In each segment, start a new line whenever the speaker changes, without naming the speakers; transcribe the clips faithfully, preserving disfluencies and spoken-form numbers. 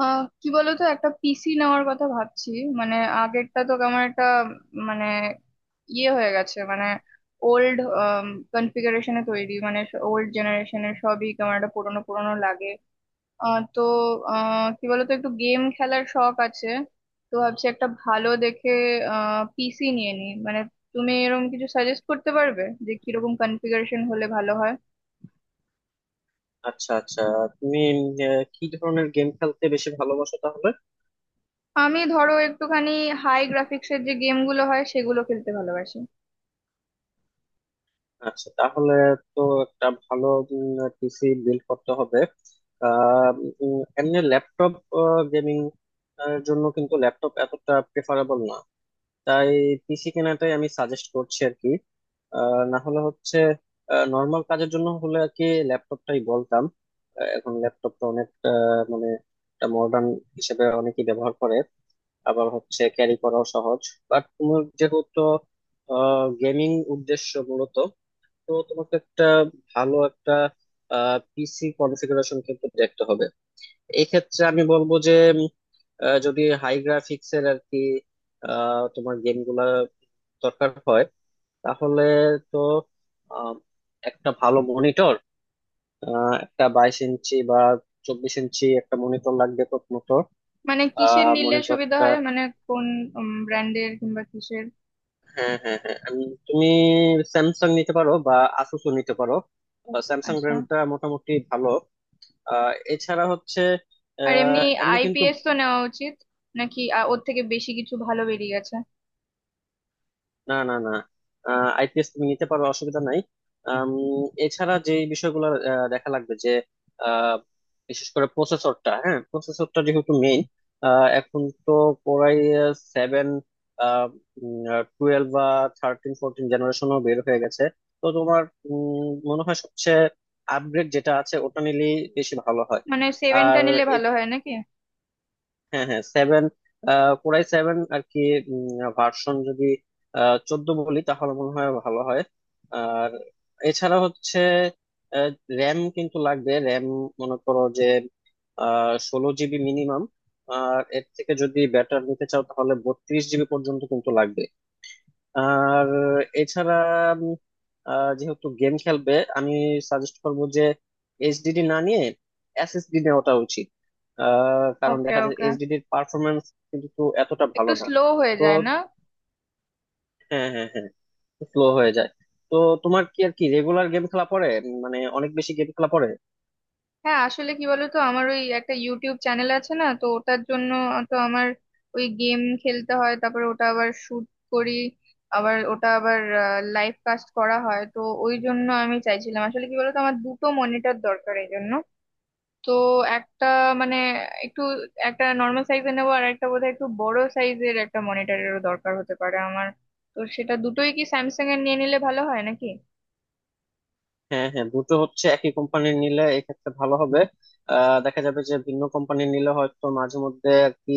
আহ কি বলতো একটা পিসি নেওয়ার কথা ভাবছি। মানে আগেরটা তো কেমন একটা উম, মানে ইয়ে হয়ে গেছে। মানে ওল্ড কনফিগারেশনে তৈরি, মানে ওল্ড জেনারেশনের সবই কেমন একটা পুরোনো পুরোনো লাগে। আহ, তো আহ, কি বলতো একটু গেম খেলার শখ আছে, তো ভাবছি একটা ভালো দেখে আহ পিসি নিয়ে নিই। মানে তুমি এরকম কিছু সাজেস্ট করতে পারবে যে কিরকম কনফিগারেশন হলে ভালো হয়?
আচ্ছা আচ্ছা। তুমি আহ, কি ধরনের গেম খেলতে বেশি ভালোবাসো তাহলে?
আমি ধরো একটুখানি হাই গ্রাফিক্সের যে গেমগুলো হয় সেগুলো খেলতে ভালোবাসি।
আচ্ছা, তাহলে তো একটা ভালো পিসি বিল্ড করতে হবে। আহ, উম, এমনি ল্যাপটপ, গেমিং এর জন্য কিন্তু ল্যাপটপ এতটা প্রেফারেবল না, তাই পিসি কেনাটাই আমি সাজেস্ট করছি আর কি। আহ, না হলে হচ্ছে নর্মাল কাজের জন্য হলে আর কি ল্যাপটপটাই বলতাম। আহ, এখন ল্যাপটপটা অনেক আহ, মানে একটা মডার্ন হিসেবে অনেকেই ব্যবহার করে, আবার হচ্ছে ক্যারি করাও সহজ। বাট তোমার যেহেতু গেমিং উদ্দেশ্য মূলত, তো তোমাকে একটা ভালো একটা পিসি কনফিগারেশন কিন্তু দেখতে হবে। এই ক্ষেত্রে আমি বলবো যে উম, আহ, যদি হাই গ্রাফিক্স এর আর কি আহ, তোমার গেম গুলা দরকার হয়, তাহলে তো আহ, একটা ভালো মনিটর, একটা বাইশ ইঞ্চি বা চব্বিশ ইঞ্চি একটা মনিটর লাগবে প্রথমত।
মানে কিসের নিলে সুবিধা
মনিটরটা
হয়, মানে কোন ব্র্যান্ডের কিংবা কিসের?
হ্যাঁ, হ্যাঁ, হ্যাঁ, আমি তুমি স্যামসাং নিতে পারো বা আসুস নিতে পারো। স্যামসাং
আচ্ছা।
ব্র্যান্ডটা মোটামুটি ভালো। আহ, এছাড়া হচ্ছে
আর এমনি
আহ, এমনি কিন্তু
আইপিএস তো নেওয়া উচিত নাকি আ, ওর থেকে বেশি কিছু ভালো বেরিয়ে গেছে?
না, না, না, আইপিএস তুমি নিতে পারো, অসুবিধা নাই। আম, এছাড়া যে বিষয়গুলো আহ, দেখা লাগবে যে আহ, বিশেষ করে প্রসেসরটা, হ্যাঁ প্রসেসরটা যেহেতু মেইন। এখন তো কোরাই সেভেন টুয়েলভ বা থার্টিন ফোরটিন জেনারেশনও বের হয়ে গেছে। তো তোমার উম, মনে হয় সবচেয়ে আপগ্রেড যেটা আছে ওটা নিলেই বেশি ভালো হয়।
মানে সেভেনটা
আর
নিলে ভালো হয় নাকি?
হ্যাঁ, হ্যাঁ, সেভেন, কোরাই সেভেন আর কি ভার্সন যদি আহ, চোদ্দ বলি তাহলে মনে হয় ভালো হয়। আর এছাড়া হচ্ছে র্যাম কিন্তু লাগবে, র্যাম মনে করো যে ষোলো জিবি মিনিমাম, আর এর থেকে যদি ব্যাটার নিতে চাও তাহলে বত্রিশ জিবি পর্যন্ত কিন্তু লাগবে। আর এছাড়া উম, আহ, যেহেতু গেম খেলবে, আমি সাজেস্ট করবো যে এইচডিডি না নিয়ে এসএসডি নেওয়াটা উচিত। আহ, কারণ
ওকে,
দেখা যায়
ওকে।
এইচডিডি এর পারফরমেন্স কিন্তু এতটা
একটু
ভালো না।
স্লো হয়ে
তো
যায় না?
হ্যাঁ, হ্যাঁ, হ্যাঁ, স্লো হয়ে যায়। তো তোমার কি আর কি রেগুলার গেম খেলা পড়ে? মানে অনেক বেশি গেম খেলা পড়ে?
হ্যাঁ, আসলে কি বলতো, আমার ওই একটা ইউটিউব চ্যানেল আছে না, তো ওটার জন্য, তো আমার ওই গেম খেলতে হয়, তারপর ওটা আবার শুট করি, আবার ওটা আবার লাইভ কাস্ট করা হয়, তো ওই জন্য আমি চাইছিলাম। আসলে কি বলতো, আমার দুটো মনিটর দরকার এই জন্য। তো একটা, মানে একটু একটা নর্মাল সাইজের নেবো আর একটা বোধহয় একটু বড় সাইজের একটা মনিটরেরও দরকার হতে পারে আমার। তো সেটা দুটোই কি স্যামসাং এর নিয়ে নিলে ভালো হয় নাকি?
হ্যাঁ, হ্যাঁ, দুটো হচ্ছে একই কোম্পানির নিলে এক্ষেত্রে ভালো হবে। আহ, দেখা যাবে যে ভিন্ন কোম্পানির নিলে হয়তো মাঝে মধ্যে আর কি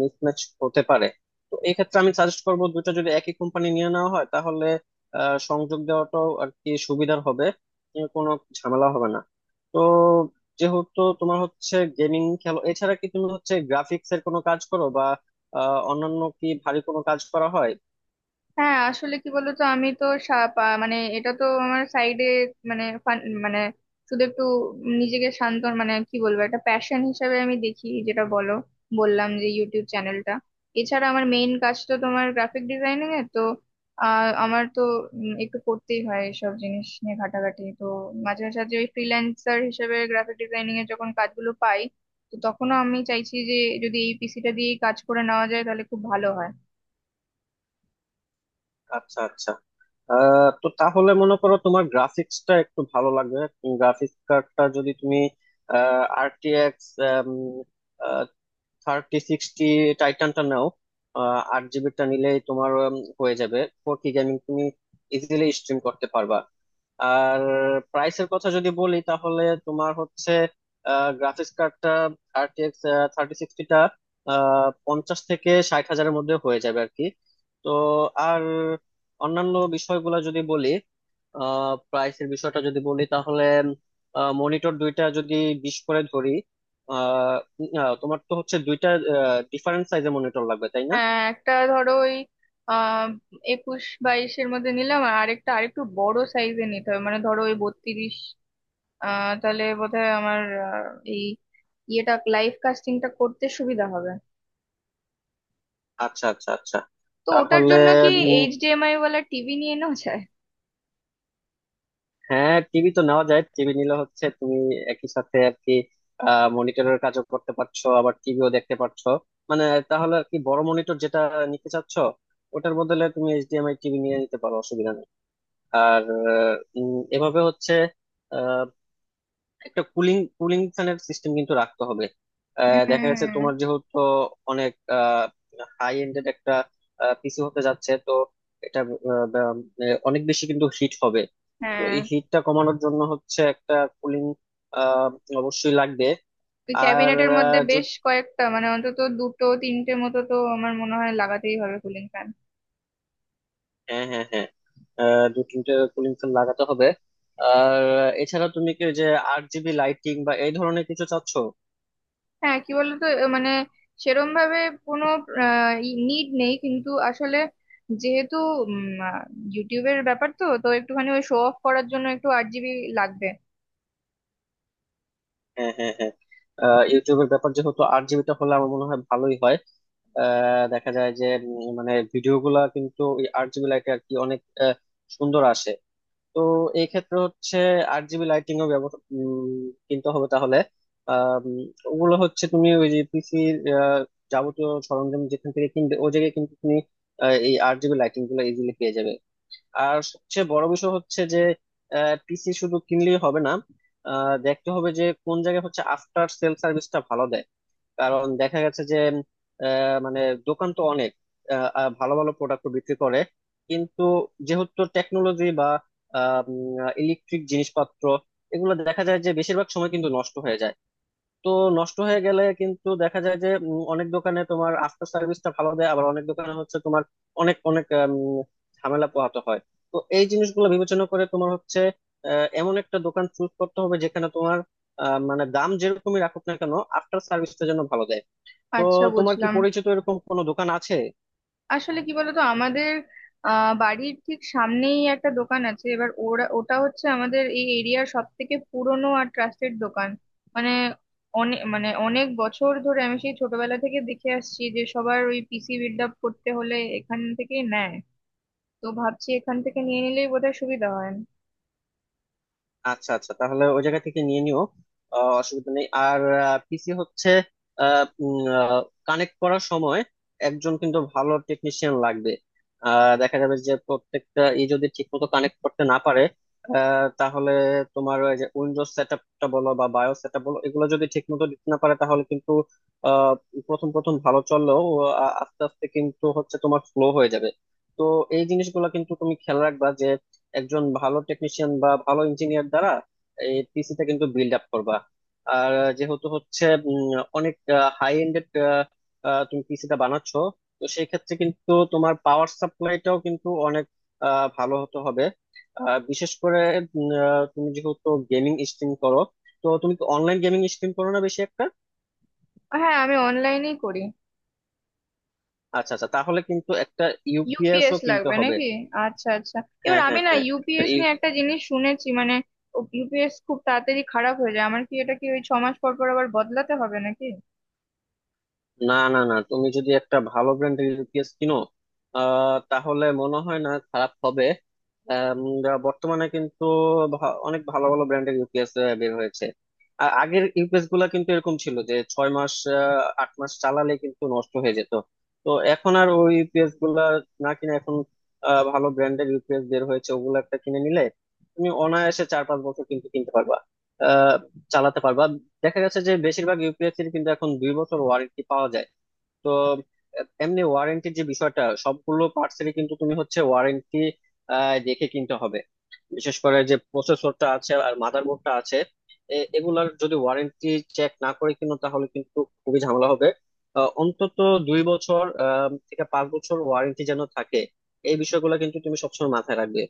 মিসম্যাচ হতে পারে। তো এই ক্ষেত্রে আমি সাজেস্ট করব, দুটো যদি একই কোম্পানি নিয়ে নেওয়া হয় তাহলে আহ, সংযোগ দেওয়াটাও আর কি সুবিধার হবে, উম, কোনো ঝামেলা হবে না। তো যেহেতু তোমার হচ্ছে গেমিং খেলো, এছাড়া কি তুমি হচ্ছে গ্রাফিক্স এর কোনো কাজ করো বা আহ, অন্যান্য কি ভারী কোনো কাজ করা হয়?
হ্যাঁ, আসলে কি বলতো, আমি তো সা- পা- মানে এটা তো আমার সাইডে, মানে ফান- মানে শুধু একটু নিজেকে শান্ত, মানে কি বলবো, একটা প্যাশন হিসাবে আমি দেখি, যেটা বলো, বললাম যে ইউটিউব চ্যানেলটা। এছাড়া আমার মেইন কাজ তো তোমার গ্রাফিক ডিজাইনিং এ তো, আহ আমার তো উম, একটু করতেই হয় এসব জিনিস নিয়ে ঘাটাঘাটি। তো মাঝে মাঝে ওই ফ্রিল্যান্সার হিসেবে গ্রাফিক ডিজাইনিং এর যখন কাজগুলো পাই, তো তখনও আমি চাইছি যে যদি এই পিসিটা দিয়েই কাজ করে নেওয়া যায় তাহলে খুব ভালো হয়।
আচ্ছা আচ্ছা। আহ, তো তাহলে মনে করো তোমার গ্রাফিক্সটা একটু ভালো লাগবে। গ্রাফিক্স কার্ডটা যদি তুমি আরটিএক্স থার্টি সিক্সটি টাইটানটা নাও, আহ, আট জিবিটা নিলেই তোমার উম, হয়ে যাবে, ফোর কে গেমিং তুমি ইজিলি স্ট্রিম করতে পারবা। আর প্রাইসের কথা যদি বলি তাহলে তোমার হচ্ছে গ্রাফিক্স কার্ডটা, থার্টি এক্স থার্টি সিক্সটিটা পঞ্চাশ থেকে ষাট হাজারের মধ্যে হয়ে যাবে আর কি। তো আর অন্যান্য বিষয়গুলো যদি বলি, প্রাইসের বিষয়টা যদি বলি তাহলে মনিটর দুইটা যদি বিশ করে ধরি, আহ আহ, তোমার তো হচ্ছে দুইটা ডিফারেন্ট সাইজের মনিটর লাগবে তাই না?
হ্যাঁ, একটা ধরো ওই আহ একুশ বাইশের মধ্যে নিলাম আর আরেকটা আরেকটু বড় সাইজে নিতে হবে, মানে ধরো ওই বত্রিশ। আহ তাহলে বোধহয় আমার আহ, এই ইয়েটা লাইভ কাস্টিংটা করতে সুবিধা হবে।
আচ্ছা, আচ্ছা, আচ্ছা,
তো ওটার
তাহলে
জন্য কি
উম,
এইচডিএমআই ওয়ালা টিভি নিয়ে নেওয়া যায়?
হ্যাঁ টিভি তো নেওয়া যায়। টিভি নিলে হচ্ছে তুমি একই সাথে আর কি মনিটরের কাজও করতে পারছো আবার টিভিও দেখতে পারছো। মানে তাহলে আর কি বড় মনিটর যেটা নিতে চাচ্ছ ওটার বদলে তুমি এইচডিএমআই টিভি নিয়ে নিতে পারো, অসুবিধা নেই। আর উম, এভাবে হচ্ছে একটা কুলিং কুলিং ফ্যানের সিস্টেম কিন্তু রাখতে হবে। আহ, দেখা যাচ্ছে তোমার
হুম।
যেহেতু অনেক হাই এন্ডেড একটা পিসি হতে যাচ্ছে তো, এটা আহ, বা- আহ, অনেক বেশি কিন্তু হিট হবে। তো
হ্যাঁ,
এই হিটটা কমানোর জন্য হচ্ছে একটা কুলিং অবশ্যই লাগবে।
ওই
আর
ক্যাবিনেটের মধ্যে বেশ
যদি
কয়েকটা, মানে অন্তত দুটো তিনটে মতো তো আমার মনে হয় লাগাতেই হবে কুলিং ফ্যান।
হ্যাঁ, হ্যাঁ, হ্যাঁ, আহ, দু তিনটে কুলিং ফ্যান লাগাতে হবে। আর এছাড়া তুমি কি ওই যে আট জিবি লাইটিং বা এই ধরনের কিছু চাচ্ছ?
হ্যাঁ, কি বলতো, এ মানে সেরম ভাবে কোনো নিড নেই কিন্তু আসলে যেহেতু ইউটিউবের ব্যাপার তো তো একটুখানি ওই শো অফ করার জন্য একটু আট জিবি লাগবে।
হ্যাঁ, হ্যাঁ, হ্যাঁ, আহ, ইউটিউবের ব্যাপার যেহেতু আট জিবিটা হলে আমার মনে হয় ভালোই হয়। আহ, দেখা যায় যে উম, মানে ভিডিও গুলা কিন্তু ওই আট জিবি লাইটে আর কি অনেক আহ, সুন্দর আসে। তো এই ক্ষেত্রে হচ্ছে আট জিবি লাইটিং ও ব্যবহার কিনতে হবে তাহলে। আহ, উম, ওগুলো হচ্ছে তুমি ওই যে পিসি যাবতীয় সরঞ্জাম যেখান থেকে কিনবে ওই জায়গায় কিন্তু তুমি আহ, এই আট জিবি লাইটিং গুলো ইজিলি পেয়ে যাবে। আর সবচেয়ে বড় বিষয় হচ্ছে যে পিসি শুধু কিনলেই হবে না, আহ, দেখতে হবে যে কোন জায়গায় হচ্ছে আফটার সেল সার্ভিসটা ভালো দেয়। কারণ দেখা গেছে যে আহ, মানে দোকান তো অনেক আহ, আহ, ভালো ভালো প্রোডাক্ট বিক্রি করে, কিন্তু যেহেতু টেকনোলজি বা ইলেকট্রিক জিনিসপত্র এগুলো দেখা যায় যে বেশিরভাগ সময় কিন্তু নষ্ট হয়ে যায়। তো নষ্ট হয়ে গেলে কিন্তু দেখা যায় যে উম, অনেক দোকানে তোমার আফটার সার্ভিসটা ভালো দেয়, আবার অনেক দোকানে হচ্ছে তোমার অনেক অনেক আম, ঝামেলা পোহাতে হয়। তো এই জিনিসগুলো বিবেচনা করে তোমার হচ্ছে আহ, এমন একটা দোকান চুজ করতে হবে যেখানে তোমার আহ, মানে দাম যেরকমই রাখুক না কেন আফটার সার্ভিসটা যেন ভালো দেয়। তো
আচ্ছা,
তোমার কি
বুঝলাম।
পরিচিত এরকম কোনো দোকান আছে?
আসলে কি বলতো, আমাদের আহ বাড়ির ঠিক সামনেই একটা দোকান আছে, এবার ওরা, ওটা হচ্ছে আমাদের এই এরিয়ার সব থেকে পুরনো আর ট্রাস্টেড দোকান। মানে অনেক, মানে অনেক বছর ধরে আমি সেই ছোটবেলা থেকে দেখে আসছি যে সবার ওই পিসি বিল্ড আপ করতে হলে এখান থেকেই নেয়। তো ভাবছি এখান থেকে নিয়ে নিলেই বোধহয় সুবিধা হয়।
আচ্ছা আচ্ছা, তাহলে ওই জায়গা থেকে নিয়ে নিও, আহ, অসুবিধা নেই। আর পিসি হচ্ছে কানেক্ট করার সময় একজন কিন্তু ভালো টেকনিশিয়ান লাগবে। আহ, দেখা যাবে যে প্রত্যেকটা ই যদি ঠিক মতো কানেক্ট করতে না পারে আহ, তাহলে তোমার ওই যে উইন্ডোজ সেট আপটা বলো বা বায়োস সেট আপ বলো, এগুলো যদি ঠিক মতো দিতে না পারে তাহলে কিন্তু আহ, প্রথম প্রথম ভালো চললেও আ- আস্তে আস্তে কিন্তু হচ্ছে তোমার স্লো হয়ে যাবে। তো এই জিনিসগুলো কিন্তু তুমি খেয়াল রাখবা, একজন ভালো টেকনিশিয়ান বা ভালো ইঞ্জিনিয়ার দ্বারা এই পিসিটা কিন্তু বিল্ড আপ করবা। আর যেহেতু হচ্ছে উম, অনেক হাই এন্ডেড তুমি পিসিটা বানাচ্ছো, তো সেই ক্ষেত্রে কিন্তু তোমার পাওয়ার সাপ্লাইটাও কিন্তু অনেক আহ, ভালো হতে হবে। আহ, বিশেষ করে উম, আহ, তুমি যেহেতু গেমিং স্ট্রিম করো, তো তুমি কি অনলাইন গেমিং স্ট্রিম করো না বেশি একটা?
হ্যাঁ, আমি অনলাইনেই করি।
আচ্ছা আচ্ছা, তাহলে কিন্তু একটা ইউপিএস ও
ইউপিএস
কিনতে
লাগবে
হবে।
নাকি? আচ্ছা, আচ্ছা। এবার
হ্যাঁ,
আমি
হ্যাঁ,
না,
হ্যাঁ,
ইউপিএস নিয়ে একটা জিনিস শুনেছি, মানে ইউপিএস খুব তাড়াতাড়ি খারাপ হয়ে যায়। আমার কি এটা কি ওই ছ মাস পর পর আবার বদলাতে হবে নাকি?
না, না, না, তুমি যদি একটা ভালো ব্র্যান্ডের ইউপিএস কিনো আহ, তাহলে মনে হয় না খারাপ হবে। আম, যা বর্তমানে কিন্তু ভা- অনেক ভালো ভালো ব্র্যান্ডের ইউপিএস বের হয়েছে। আ- আগের ইউপিএস গুলা কিন্তু এরকম ছিল যে ছয় মাস আহ, আট মাস চালালে কিন্তু নষ্ট হয়ে যেত। তো এখন আর ওই ইউপিএস গুলা না কিনে, এখন আহ, ভালো ব্র্যান্ডের ইউপিএস বের হয়েছে, ওগুলো একটা কিনে নিলে তুমি অনায়াসে চার পাঁচ বছর কিন্তু কিনতে পারবা, আহ, চালাতে পারবা। দেখা গেছে যে বেশিরভাগ ইউপিএসসির কিন্তু এখন দুই বছর ওয়ারেন্টি পাওয়া যায়। তো আহ, এমনি ওয়ারেন্টির যে বিষয়টা, সবগুলো পার্টসেরই কিন্তু তুমি হচ্ছে ওয়ারেন্টি দেখে কিনতে হবে। বিশেষ করে যে প্রসেসরটা আছে আর মাদারবোর্ডটা আছে, এ- এগুলার যদি ওয়ারেন্টি চেক না করে কিনো তাহলে কিন্তু খুবই ঝামেলা হবে। আহ, অন্তত দুই বছর আহ, থেকে পাঁচ বছর ওয়ারেন্টি যেন থাকে। এই বিষয়গুলো কিন্তু তুমি সবসময় মাথায় রাখবে।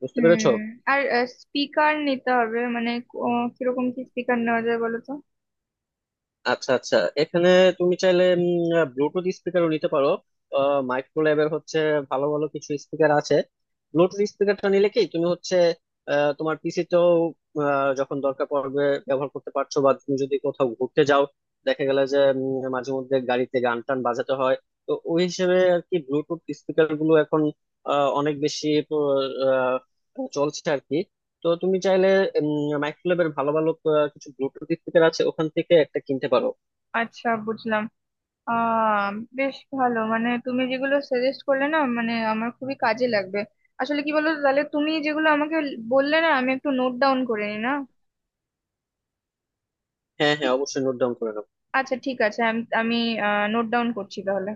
বুঝতে পেরেছো?
হুম। আর স্পিকার নিতে হবে, মানে ক- ও কিরকম কি স্পিকার নেওয়া যায় বলো তো?
আচ্ছা আচ্ছা, এখানে তুমি চাইলে ব্লুটুথ স্পিকারও নিতে পারো। মাইক্রো ল্যাবের হচ্ছে ভালো ভালো কিছু স্পিকার আছে। ব্লুটুথ স্পিকারটা নিলে কি তুমি হচ্ছে আহ, তোমার পিসিতেও যখন দরকার পড়বে ব্যবহার করতে পারছো, বা তুমি যদি কোথাও ঘুরতে যাও, দেখা গেল যে উম, মাঝে মধ্যে গাড়িতে গান টান বাজাতে হয়, তো ওই হিসেবে আর কি ব্লুটুথ স্পিকার গুলো এখন আহ, অনেক বেশি আহ, চলছে আর কি। তো তুমি চাইলে মাইক্রোল্যাবের ভালো ভালো আহ, কিছু ব্লুটুথ স্পিকার আছে, ওখান থেকে একটা কিনতে পারো।
আচ্ছা, বুঝলাম। আহ বেশ ভালো, মানে তুমি যেগুলো সাজেস্ট করলে না, মানে আমার খুবই কাজে লাগবে। আসলে কি বলো তো, তাহলে তুমি যেগুলো আমাকে বললে না, আমি একটু নোট ডাউন করে নি না?
হ্যাঁ, হ্যাঁ,
ঠিক।
অবশ্যই নোট ডাউন করে নাও।
আচ্ছা, ঠিক আছে, আমি আমি নোট ডাউন করছি তাহলে।